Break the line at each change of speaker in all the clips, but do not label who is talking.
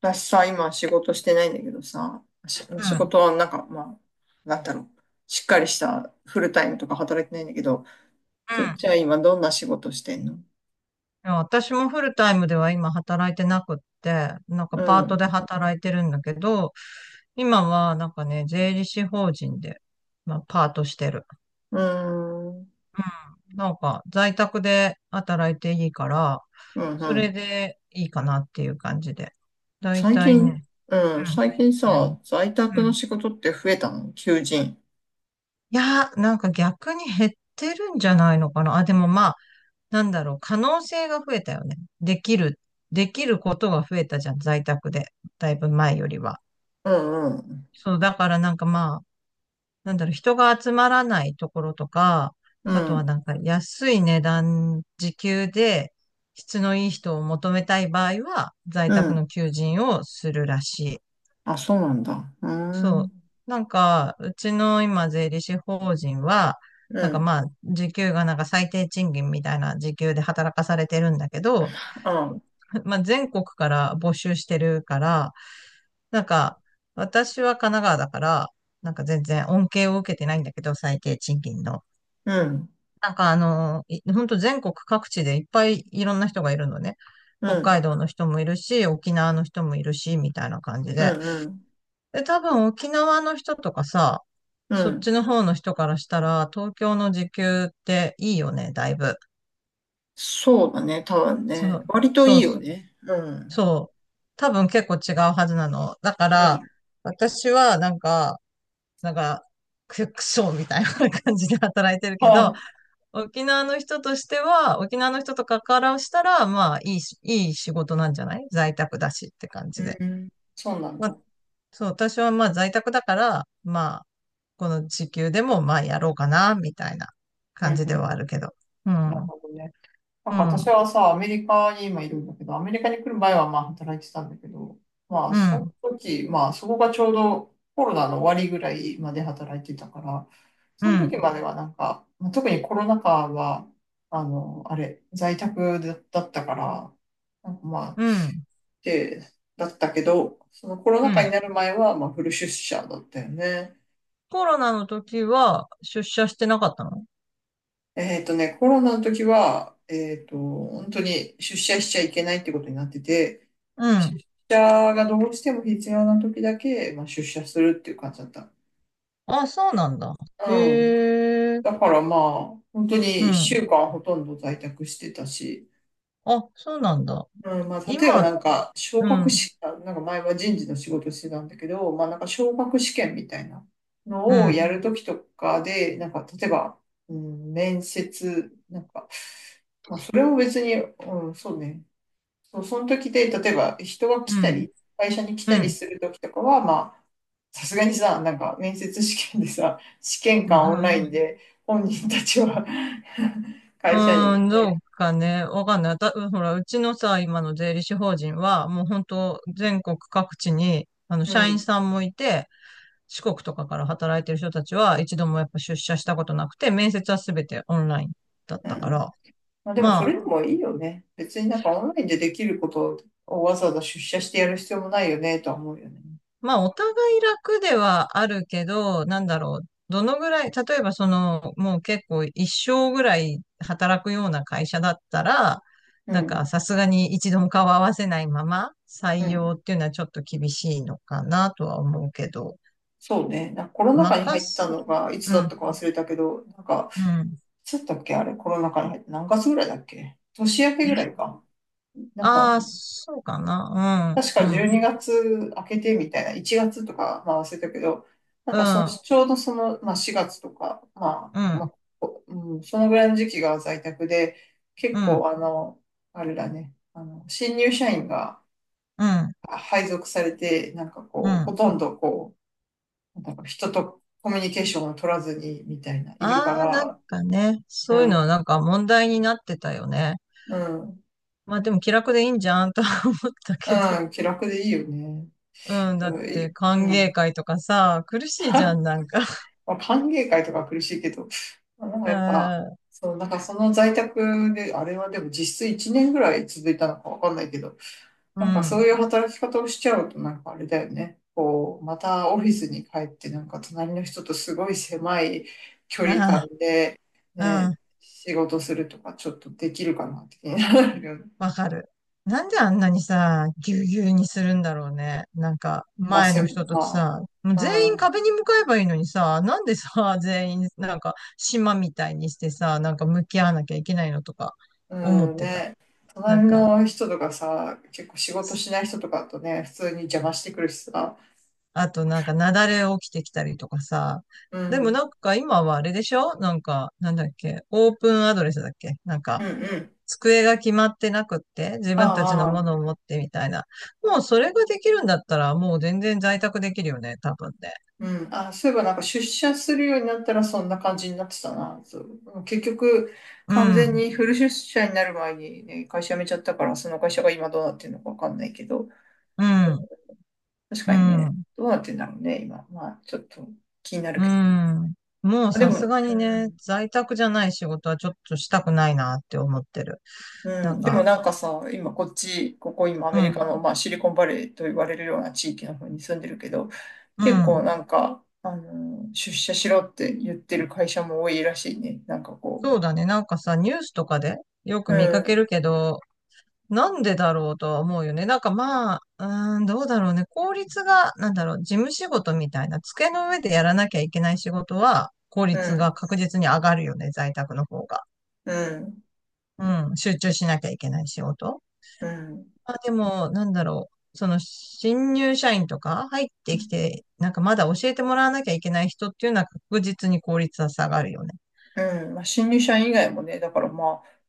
私さ、今仕事してないんだけどさ、し
う
仕
ん。
事はなんか、まあ、なんだろう。しっかりしたフルタイムとか働いてないんだけど、
う
そっ
ん。
ちは今どんな仕事してんの？
いや私もフルタイムでは今働いてなくって、
う
パート
ん。
で働いてるんだけど、今は税理士法人で、パートしてる。
うーん。
うん。在宅で働いていいから、
うん
そ
う
れ
ん。
でいいかなっていう感じで。だい
最
たい
近、
ね、
うん。
うん、
最
最
近
近
さ、
何
在宅
う
の
ん。
仕事って増えたの求人。
いや、逆に減ってるんじゃないのかな。あ、でもまあ、可能性が増えたよね。できることが増えたじゃん、在宅で。だいぶ前よりは。
うんうん。
そう、だから人が集まらないところとか、
う
あとは
ん。
安い値段、時給で質のいい人を求めたい場合は、在
う
宅
ん。
の求人をするらしい。
あ、そうなんだ。うー
そう。
ん。
うちの今、税理士法人は、
うん。
時給が最低賃金みたいな時給で働かされてるんだけど、
あ、
まあ、全国から募集してるから、なんか、私は神奈川だから、全然恩恵を受けてないんだけど、最低賃金の。
うん。
なんかあの、本当全国各地でいっぱいいろんな人がいるのね。
う
北
ん。
海道の人もいるし、沖縄の人もいるし、みたいな感じ
う
で。
んうん。
で、多分沖縄の人とかさ、
う
そっち
ん。
の方の人からしたら、東京の時給っていいよね、だいぶ。
そうだね、多分
そ
ね。
う、
割とい
そう
いよね。うん。
そう。多分結構違うはずなの。だか
う
ら、
ん。
私はなんか、くそみたいな感じで働いてるけど、
は
沖縄の人とかからしたら、まあ、いいし、いい仕事なんじゃない在宅だしって感
い。
じで。
うん。そうなん
ま
だ。
あ、
うん
そう、私はまあ在宅だから、まあ、この時給でもまあやろうかな、みたいな
う
感じではあ
ん。
るけど。うん、
なるほどね。な
う
んか
ん、う
私
ん、
はさ、アメリカに今いるんだけど、アメリカに来る前はまあ働いてたんだけど、まあ
う
その
ん、
時、まあそこがちょうどコロナの終わりぐらいまで働いてたから、
う
その時まではなんか、まあ特にコロナ禍は、あの、あれ、在宅だったから、なんかま
ん、
て、だったけど、そのコロ
う
ナ禍に
ん。
なる前は、まあ、フル出社だったよね。
コロナの時は出社してなかったの
コロナの時は、本当に出社しちゃいけないってことになってて、
う
出
ん。
社がどうしても必要な時だけ、まあ、出社するっていう感じだった。
あ、そうなんだ。
うん。
へえ。
だからまあ、本当
う
に一
ん。
週間ほとんど在宅してたし、
あ、そうなんだ。
うん、まあ、例えばな
今、
んか、昇
う
格
ん、
試験、なんか前は人事の仕事してたんだけど、まあなんか昇格試験みたいな
う
のを
ん、
やるときとかで、なんか例えば、うん、面接、なんか、まあ、それを別に、うん、そうね、そう、その時で、例えば人が
う
来た
ん、
り、会社に来
う
たり
ん。
するときとかは、まあ、さすがにさ、なんか面接試験でさ、試験官オンライン
ま
で本人たちは 会社
あ、
に
うーん、ど
ね、
うかね。わかんない。ほら、うちのさ、今の税理士法人は、もう本当全国各地に、
う
社員
ん、
さんもいて、四国とかから働いてる人たちは、一度もやっぱ出社したことなくて、面接はすべてオンラインだっ
う
たか
ん。
ら、
まあ、でもそれ
ま
でもいいよね。別になんかオンラインでできることをわざわざ出社してやる必要もないよねとは思うよね。
あ、お互い楽ではあるけど、なんだろう。どのぐらい、例えばその、もう結構一生ぐらい働くような会社だったら、
うん。
さすがに一度も顔合わせないまま
う
採
ん。
用っていうのはちょっと厳しいのかなとは思うけど、
そうね。なんかコロナ禍に入
任
った
せ
の
る。
がいつ
う
だっ
ん、
たか忘れたけど、なんか、
うん。
いつだったっけあれ、コロナ禍に入って何月ぐらいだっけ、年明けぐらいか。なんか、
ああ、そうかな。
確か
う
12
ん、
月明けてみたいな、1月とか、まあ忘れたけど、なん
う
かその、
ん、
ちょうどその、まあ4月とか、ま
うん、
あ、うん、そのぐらいの時期が在宅で、
う
結
ん、
構あれだね、新入社員が
うん、
配属されて、なんか
う
こう、ほ
ん。
とんどこう、なんか人とコミュニケーションを取らずにみたいな、いるか
ああ、
ら、
そういう
う
のは
ん、
問題になってたよね。
うん、
まあでも気楽でいいんじゃんとは思ったけど。
うん、気楽でいいよね。
うん、
そ
だっ
う
て
い
歓
う
迎
ん
会とかさ、苦しいじゃん、なんか。
まあ、歓迎会とかは苦しいけど、まあ、なんか
う
やっぱ、
ん、
そう、なんかその在宅で、あれはでも実質1年ぐらい続いたのかわかんないけど、
う
なんかそう
ん、
いう働き方をしちゃうとなんかあれだよね。こう、またオフィスに帰ってなんか隣の人とすごい狭い距離感
あ
で
あ、
ね、
う
仕事するとかちょっとできるかなって気になるよね。
ん、わかる。なんであんなにさ、ぎゅうぎゅうにするんだろうね。なんか、
まあ、
前の人と
ま
さ、もう
あ、
全
う
員
ん
壁に向かえばいいのにさ、なんでさ、全員、なんか、島みたいにしてさ、なんか向き合わなきゃいけないのとか、
う
思っ
ん
てた。
ね、
な
隣
んか、
の人とかさ、結構仕事しない人とかとね、普通に邪魔してくるしさ、
あとなんか、雪崩起きてきたりとかさ。
うん、
で
う
もなん
ん
か今はあれでしょなんか、なんだっけオープンアドレスだっけなん
う
か、
ん、
机が決まってなくって、自
あ
分たちのも
あ、
のを持ってみたいな。もうそれができるんだったら、もう全然在宅できるよね、多分ね。
うん、あ、そういえばなんか出社するようになったらそんな感じになってたな、そう、結局
う
完全
ん、
にフル出社になる前にね、会社辞めちゃったから、その会社が今どうなってるのかわかんないけど、
うん、
確
う
かにね、
ん、
どうなってんだろうね、今。まあ、ちょっと気になる
う
けど。
ん。もう
あ、で
さ
も、
すが
う
にね、
ん。
在宅じゃない仕事はちょっとしたくないなって思ってる。
う
な
ん、
ん
でも
か、
なんかさ、今こっち、ここ今ア
う
メリカ
ん、
の、まあ、シリコンバレーと言われるような地域の方に住んでるけど、
う
結構
ん。
なんか、出社しろって言ってる会社も多いらしいね。なんかこ
そうだね。なんかさ、ニュースとかでよく
う。う
見かけ
ん、
るけど、なんでだろうとは思うよね。なんかまあ、うーん、どうだろうね。効率が、なんだろう、事務仕事みたいな、机の上でやらなきゃいけない仕事は、効
う
率が
ん、
確実に上がるよね、在宅の方が。
うん、
うん、集中しなきゃいけない仕事。
うん。
まあでも、なんだろう、その、新入社員とか入ってきて、なんかまだ教えてもらわなきゃいけない人っていうのは確実に効率は下がるよね。
うん、まあ、新入社員以外もね、だからまあ、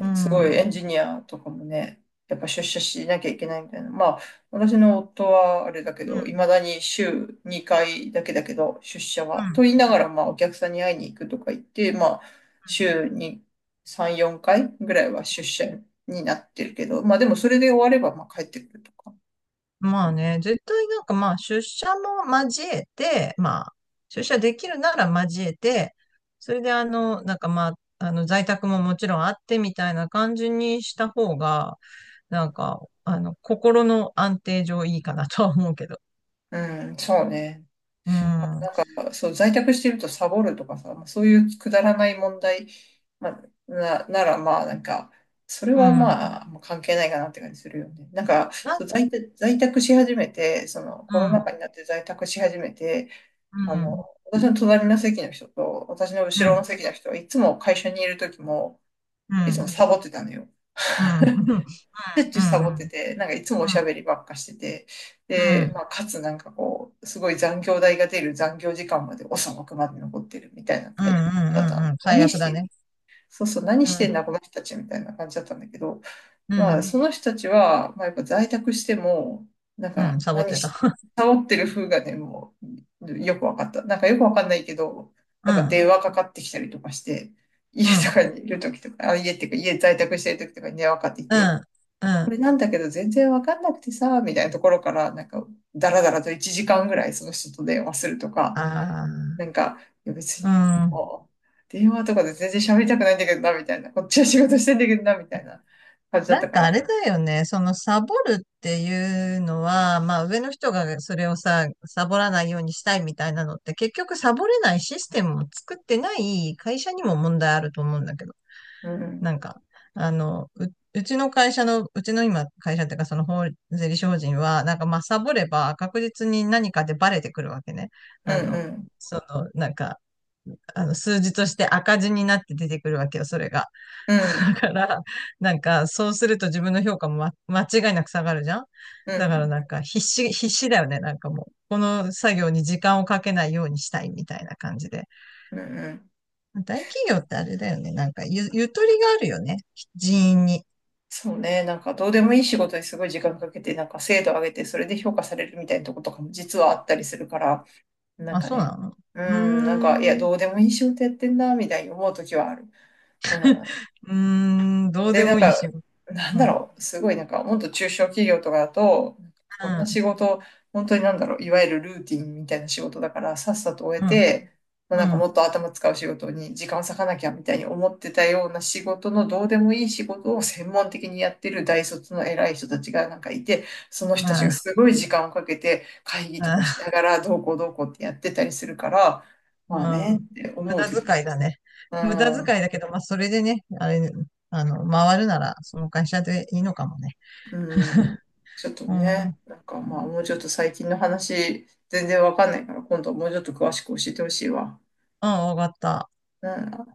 う
す
ん。う
ご
ん。
いエンジニアとかもね、やっぱ出社しなきゃいけないみたいな。まあ、私の夫はあれだけど、いまだに週2回だけだけど、出社
う
は。と
ん。
言いながら、まあ、お客さんに会いに行くとか言って、まあ、週に3、4回ぐらいは出社になってるけど、まあ、でもそれで終われば、まあ、帰ってくるとか。
まあね、絶対出社も交えて、出社できるなら交えて、それで在宅ももちろんあってみたいな感じにした方が、心の安定上いいかなとは思うけど。
うん、そうね。
うん、うん、
そう、在宅してるとサボるとかさ、まあ、そういうくだらない問題、まあ、ならまあなんか、それはまあ、もう関係ないかなって感じするよね。なんか、
な、
そう在宅し始めて、その
う
コロナ
ん、
禍になって在宅し始めて、
う
あの、
ん、
私の隣の席の人と私の
うん、う
後ろの
ん、
席の人はいつも会社にいる時も、
う
いつも
ん、
サボってたのよ。
うん、うん、うん、
しょっちゅうサ
う
ボって
ん、
て、なんかいつも
う
おしゃ
ん、
べりばっかしてて、で、まあ、かつなんかこう、すごい残業代が出る残業時間まで遅くまで残ってるみたいな
う
タイプだった
ん、う
の。
ん、最
何
悪
し
だ
て、
ね。
そうそう、何
う
してん
ん、
だこの人たちみたいな感じだったんだけど、
う
まあ、
ん、
その人たちは、まあ、やっぱ在宅しても、なん
う
か
ん、サボっ
何
て
し、
た。
サボってる風がね、もう、よくわかった。なんかよくわかんないけど、
う
なんか
ん、
電話かかってきたりとかして、家
う
と
ん。
かにいる時とか、あ、家っていうか家在宅してる時とかに電話かかってき
う
て、
ん、うん、
こ
あ
れなんだけど全然わかんなくてさ、みたいなところから、なんか、だらだらと1時間ぐらいその人と電話するとか、
あ、
なんか、いや別
う
に、
ん。
もう電話とかで全然喋りたくないんだけどな、みたいな。こっちは仕事してんだけどな、みたいな感じだっ
な
た
ん
か
かあ
ら。
れだよね。そのサボるっていうのは、まあ上の人がそれをさ、サボらないようにしたいみたいなのって、結局サボれないシステムを作ってない会社にも問題あると思うんだけど。
うん、う
な
ん、
んか、あの、う、うちの今会社っていうかその税理士法人は、なんかまあサボれば確実に何かでバレてくるわけね。
う
あの、
ん、
その、なんか、数字として赤字になって出てくるわけよ、それが。
うん、
だから、そうすると自分の評価も、間違いなく下がるじゃん
う
だから
ん、
必死だよね。なんかもう、この作業に時間をかけないようにしたいみたいな感じで。
うん、うん。
大企業ってあれだよね。なんかゆとりがあるよね。人員に。
そうね、なんかどうでもいい仕事にすごい時間かけて、なんか精度上げて、それで評価されるみたいなとことかも実はあったりするから、なん
あ、
か
そう
ね、
なの
う
う
ん、なんか、いや、
ーん、う
どうでもいい仕事やってんな、みたいに思うときはある。うん、
ーん、どう
で、
で
なん
もいい
か、
仕事。
なん
うん、
だ
うん、
ろう、すごいなんか、もっと中小企業とかだと、こんな仕事、本当になんだろう、いわゆるルーティンみたいな仕事だから、さっさと終え
うん、
て、まあ、
う
なんかもっ
ん。
と頭使う仕事に時間を割かなきゃみたいに思ってたような仕事のどうでもいい仕事を専門的にやってる大卒の偉い人たちがなんかいて、その人たちが
あ
すごい時間をかけて会議とかし
ああ。
ながらどうこうどうこうってやってたりするから、
うん、
まあねって
無
思う
駄
時も。
遣いだね。
う
無駄遣
ん
いだけど、まあ、それでね、あれ、あの、回るなら、その会社でいいのかもね。
うん。ちょっと
う
ね、
ん。
なんかまあもうちょっと最近の話全然わかんないから今度はもうちょっと詳しく教えてほしいわ。
うん、わかった。
うん